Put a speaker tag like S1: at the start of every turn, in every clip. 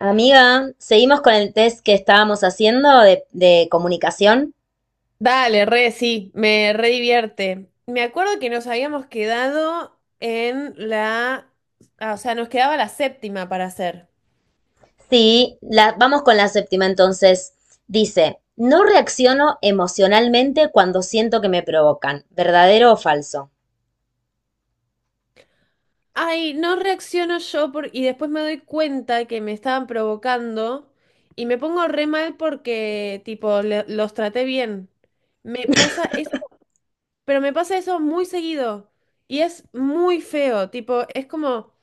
S1: Amiga, seguimos con el test que estábamos haciendo de comunicación.
S2: Dale, re, sí, me re divierte. Me acuerdo que nos habíamos quedado o sea, nos quedaba la séptima para hacer.
S1: Sí, vamos con la séptima entonces. Dice, no reacciono emocionalmente cuando siento que me provocan, ¿verdadero o falso?
S2: Ay, no reacciono yo y después me doy cuenta que me estaban provocando y me pongo re mal porque, tipo, los traté bien. Me pasa eso, pero me pasa eso muy seguido y es muy feo, tipo, es como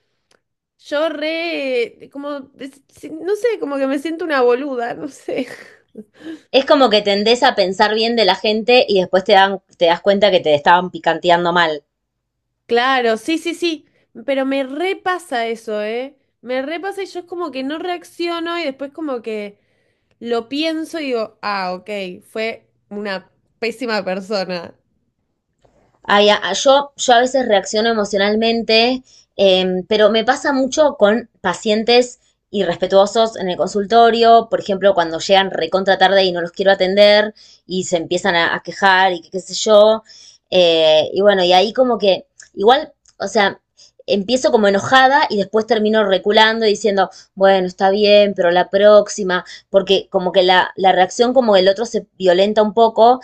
S2: yo re, como, no sé, como que me siento una boluda, no sé.
S1: Es como que tendés a pensar bien de la gente y después te dan, te das cuenta que te estaban picanteando mal.
S2: Claro, sí, sí, sí, pero me repasa eso, ¿eh? Me repasa y yo es como que no reacciono y después como que lo pienso y digo, ah, ok, fue una pésima persona.
S1: Ay, yo a veces reacciono emocionalmente, pero me pasa mucho con pacientes irrespetuosos en el consultorio, por ejemplo, cuando llegan recontra tarde y no los quiero atender y se empiezan a quejar y qué sé yo. Y bueno, y ahí como que igual, o sea, empiezo como enojada y después termino reculando y diciendo, bueno, está bien, pero la próxima, porque como que la reacción como el otro se violenta un poco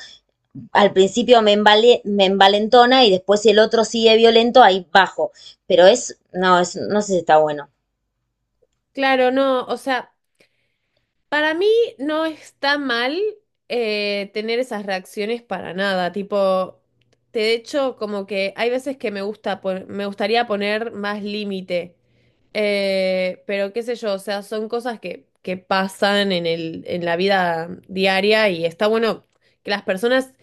S1: al principio me envalentona y después si el otro sigue violento, ahí bajo. Pero es, no sé si está bueno.
S2: Claro, no, o sea. Para mí no está mal tener esas reacciones para nada, tipo, de hecho como que hay veces que me gustaría poner más límite, pero qué sé yo, o sea, son cosas que pasan en el, en la vida diaria y está bueno que las personas.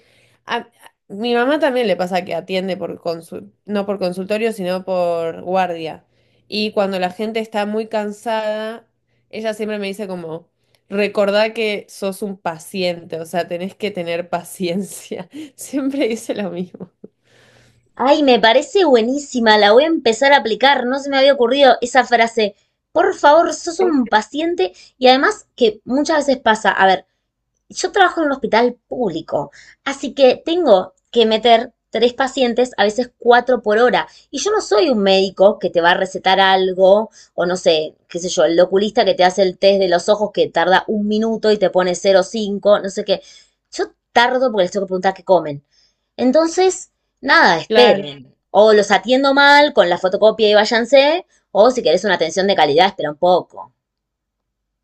S2: A- mi mamá también le pasa que atiende no por consultorio, sino por guardia. Y cuando la gente está muy cansada, ella siempre me dice como: Recordá que sos un paciente, o sea, tenés que tener paciencia. Siempre dice lo mismo.
S1: Ay, me parece buenísima, la voy a empezar a aplicar, no se me había ocurrido esa frase. Por favor, sos
S2: Sí.
S1: un paciente y además que muchas veces pasa, a ver, yo trabajo en un hospital público, así que tengo que meter tres pacientes, a veces cuatro por hora. Y yo no soy un médico que te va a recetar algo, o no sé, qué sé yo, el oculista que te hace el test de los ojos que tarda un minuto y te pone 0,5 no sé qué. Yo tardo porque les tengo que preguntar qué comen. Entonces, nada,
S2: Claro,
S1: esperen. O los atiendo mal con la fotocopia y váyanse, o si querés una atención de calidad, espera un poco.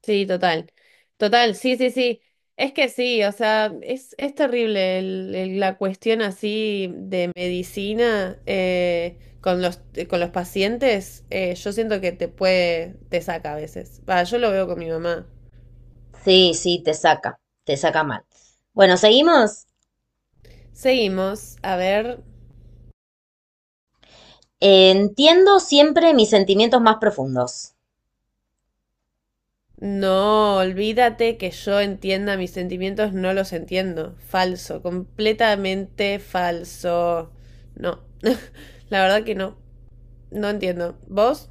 S2: sí, total. Total, sí, sí, sí. Es que sí, o sea, es terrible la cuestión así de medicina con los pacientes. Yo siento que te puede, te saca a veces. Va, yo lo veo con mi mamá.
S1: Sí, sí, te saca mal. Bueno, seguimos.
S2: Seguimos, a ver.
S1: Entiendo siempre mis sentimientos más profundos.
S2: No, olvídate que yo entienda mis sentimientos, no los entiendo. Falso, completamente falso. No, la verdad que no, no entiendo. ¿Vos?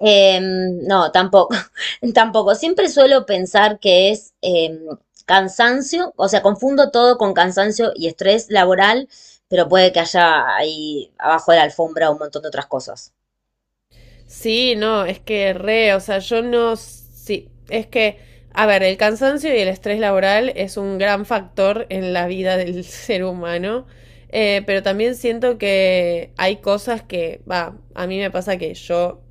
S1: No, tampoco, tampoco. Siempre suelo pensar que es cansancio, o sea, confundo todo con cansancio y estrés laboral, pero puede que haya ahí abajo de la alfombra un montón de otras cosas.
S2: Sí, no, es que re, o sea, yo no, sí, es que, a ver, el cansancio y el estrés laboral es un gran factor en la vida del ser humano, pero también siento que hay cosas que, va, a mí me pasa que yo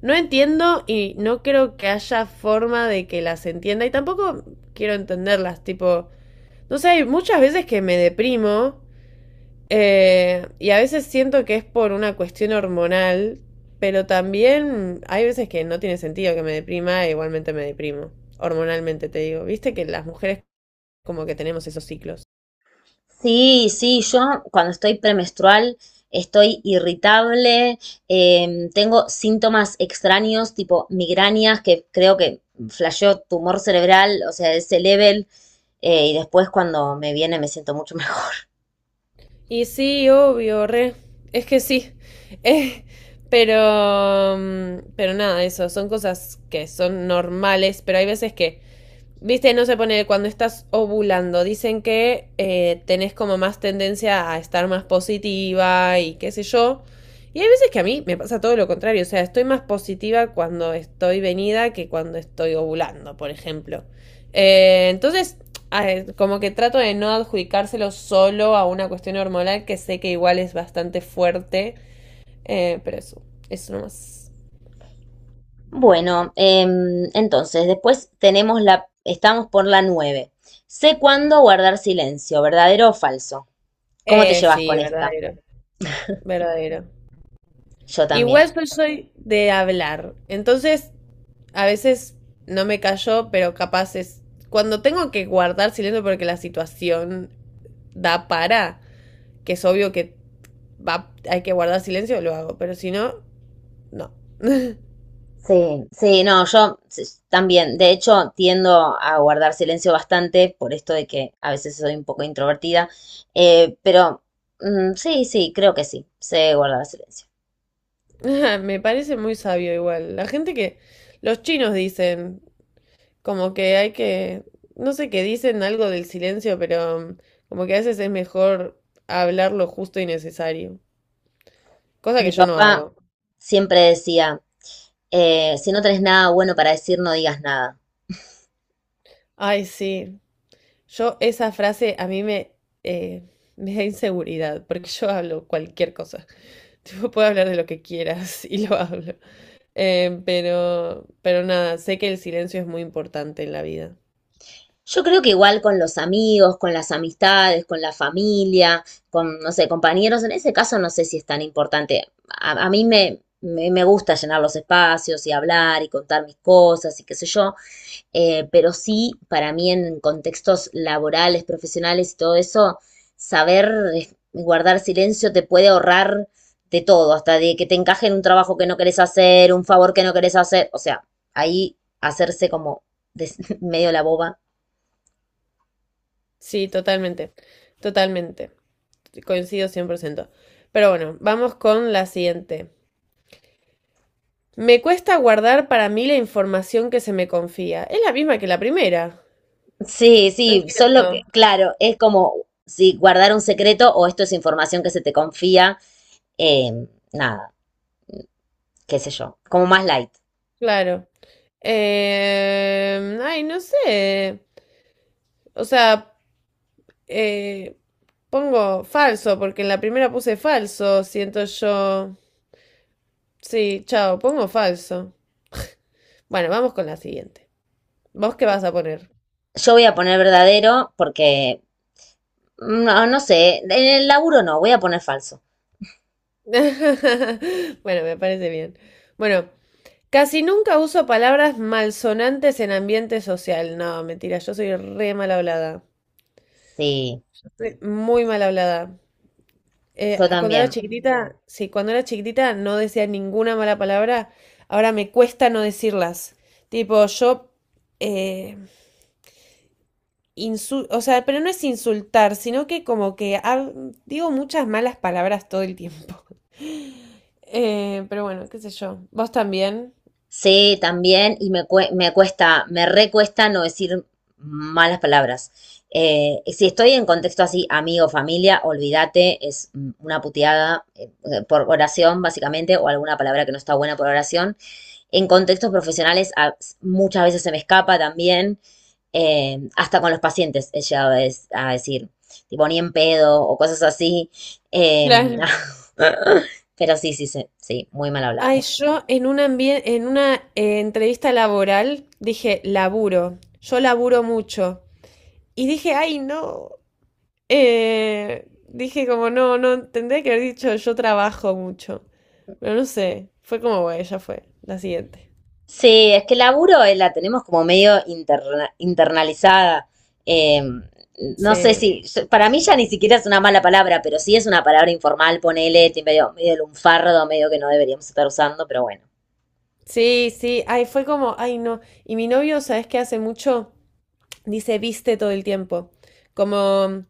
S2: no entiendo y no creo que haya forma de que las entienda y tampoco quiero entenderlas, tipo, no sé, hay muchas veces que me deprimo. Y a veces siento que es por una cuestión hormonal, pero también hay veces que no tiene sentido que me deprima, e igualmente me deprimo, hormonalmente te digo. Viste que las mujeres como que tenemos esos ciclos.
S1: Sí, sí, yo cuando estoy premenstrual estoy irritable, tengo síntomas extraños tipo migrañas que creo que flasheó tumor cerebral, o sea, ese level, y después cuando me viene me siento mucho mejor.
S2: Y sí, obvio, re, es que sí. Eh, pero nada, eso, son cosas que son normales, pero hay veces que. Viste, no se pone cuando estás ovulando. Dicen que tenés como más tendencia a estar más positiva y qué sé yo. Y hay veces que a mí me pasa todo lo contrario. O sea, estoy más positiva cuando estoy venida que cuando estoy ovulando, por ejemplo. Entonces, como que trato de no adjudicárselo solo a una cuestión hormonal que sé que igual es bastante fuerte. Pero eso nomás.
S1: Bueno, entonces después tenemos la, estamos por la 9. Sé cuándo guardar silencio, ¿verdadero o falso? ¿Cómo te llevas
S2: Sí,
S1: con esta?
S2: verdadero. Verdadero.
S1: Yo también.
S2: Igual yo soy de hablar, entonces a veces no me cayó, pero capaz es cuando tengo que guardar silencio porque la situación da para, que es obvio que va, hay que guardar silencio, lo hago, pero si no, no.
S1: Sí, sí, no, también, de hecho, tiendo a guardar silencio bastante por esto de que a veces soy un poco introvertida, eh, pero sí, sí, creo que sí, sé guardar silencio.
S2: Me parece muy sabio igual. La gente que los chinos dicen, como que hay que, no sé qué dicen algo del silencio, pero como que a veces es mejor hablar lo justo y necesario, cosa que
S1: Mi
S2: yo no
S1: papá
S2: hago.
S1: siempre decía, si no tenés nada bueno para decir, no digas nada.
S2: Ay, sí. Yo esa frase a mí eh, me da inseguridad, porque yo hablo cualquier cosa. Tipo, puedo hablar de lo que quieras y lo hablo. Pero nada, sé que el silencio es muy importante en la vida.
S1: Yo creo que igual con los amigos, con las amistades, con la familia, con, no sé, compañeros, en ese caso no sé si es tan importante. A, a mí me gusta llenar los espacios y hablar y contar mis cosas y qué sé yo, pero sí, para mí en contextos laborales, profesionales y todo eso, saber guardar silencio te puede ahorrar de todo, hasta de que te encaje en un trabajo que no querés hacer, un favor que no querés hacer, o sea, ahí hacerse como des- medio la boba.
S2: Sí, totalmente. Totalmente. Coincido 100%. Pero bueno, vamos con la siguiente. Me cuesta guardar para mí la información que se me confía. Es la misma que la primera.
S1: Sí,
S2: No
S1: sí, solo que,
S2: entiendo.
S1: claro, es como si guardar un secreto o esto es información que se te confía, nada, qué sé yo, como más light.
S2: Claro. Ay, no sé. O sea, eh, pongo falso, porque en la primera puse falso, siento yo. Sí, chao, pongo falso. Bueno, vamos con la siguiente. ¿Vos qué vas a poner?
S1: Yo voy a poner verdadero porque, no, no sé, en el laburo no, voy a poner falso.
S2: Bueno, me parece bien. Bueno, casi nunca uso palabras malsonantes en ambiente social. No, mentira, yo soy re mal hablada.
S1: Sí,
S2: Muy mal hablada. Eh,
S1: yo
S2: cuando era
S1: también.
S2: chiquitita, sí, cuando era chiquitita no decía ninguna mala palabra. Ahora me cuesta no decirlas. Tipo, yo, eh, o sea, pero no es insultar, sino que como que digo muchas malas palabras todo el tiempo. Pero bueno, qué sé yo. ¿Vos también?
S1: Sí, también, y me cuesta, me recuesta no decir malas palabras. Si estoy en contexto así, amigo, familia, olvídate, es una puteada por oración, básicamente, o alguna palabra que no está buena por oración. En contextos profesionales, muchas veces se me escapa también, hasta con los pacientes he llegado a decir, tipo, ni en pedo, o cosas así. eh,
S2: Claro.
S1: pero sí, sí, sí, sí, muy mal hablada.
S2: Ay, yo en una, en una entrevista laboral dije, laburo. Yo laburo mucho. Y dije, ay, no. Dije como, no, no, tendría que haber dicho yo trabajo mucho. Pero no sé, fue como, bueno, ya fue, la siguiente.
S1: Sí, es que el laburo la tenemos como medio internalizada. Eh,
S2: Sí,
S1: no sé si, para mí ya ni siquiera es una mala palabra, pero sí es una palabra informal, ponele, medio lunfardo, medio que no deberíamos estar usando, pero bueno.
S2: sí, sí, ay, fue como, ay, no. Y mi novio, ¿sabes qué hace mucho? Dice viste todo el tiempo. Como,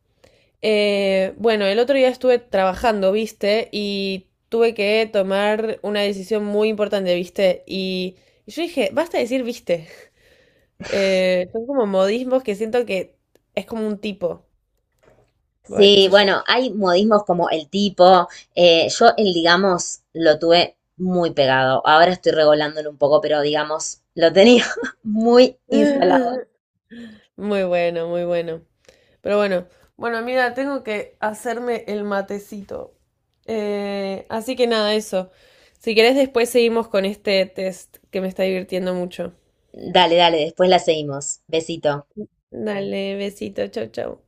S2: bueno, el otro día estuve trabajando, viste, y tuve que tomar una decisión muy importante, viste. Y yo dije, basta de decir viste. Son como modismos que siento que es como un tipo. Bueno, qué
S1: Sí,
S2: sé yo.
S1: bueno, hay modismos como el tipo. Yo el digamos lo tuve muy pegado. Ahora estoy regolándolo un poco, pero digamos lo tenía muy instalado.
S2: Muy bueno, muy bueno. Pero bueno, bueno, amiga, tengo que hacerme el matecito. Así que nada, eso. Si querés, después seguimos con este test que me está divirtiendo mucho.
S1: Dale, dale, después la seguimos. Besito.
S2: Dale, besito, chau, chau.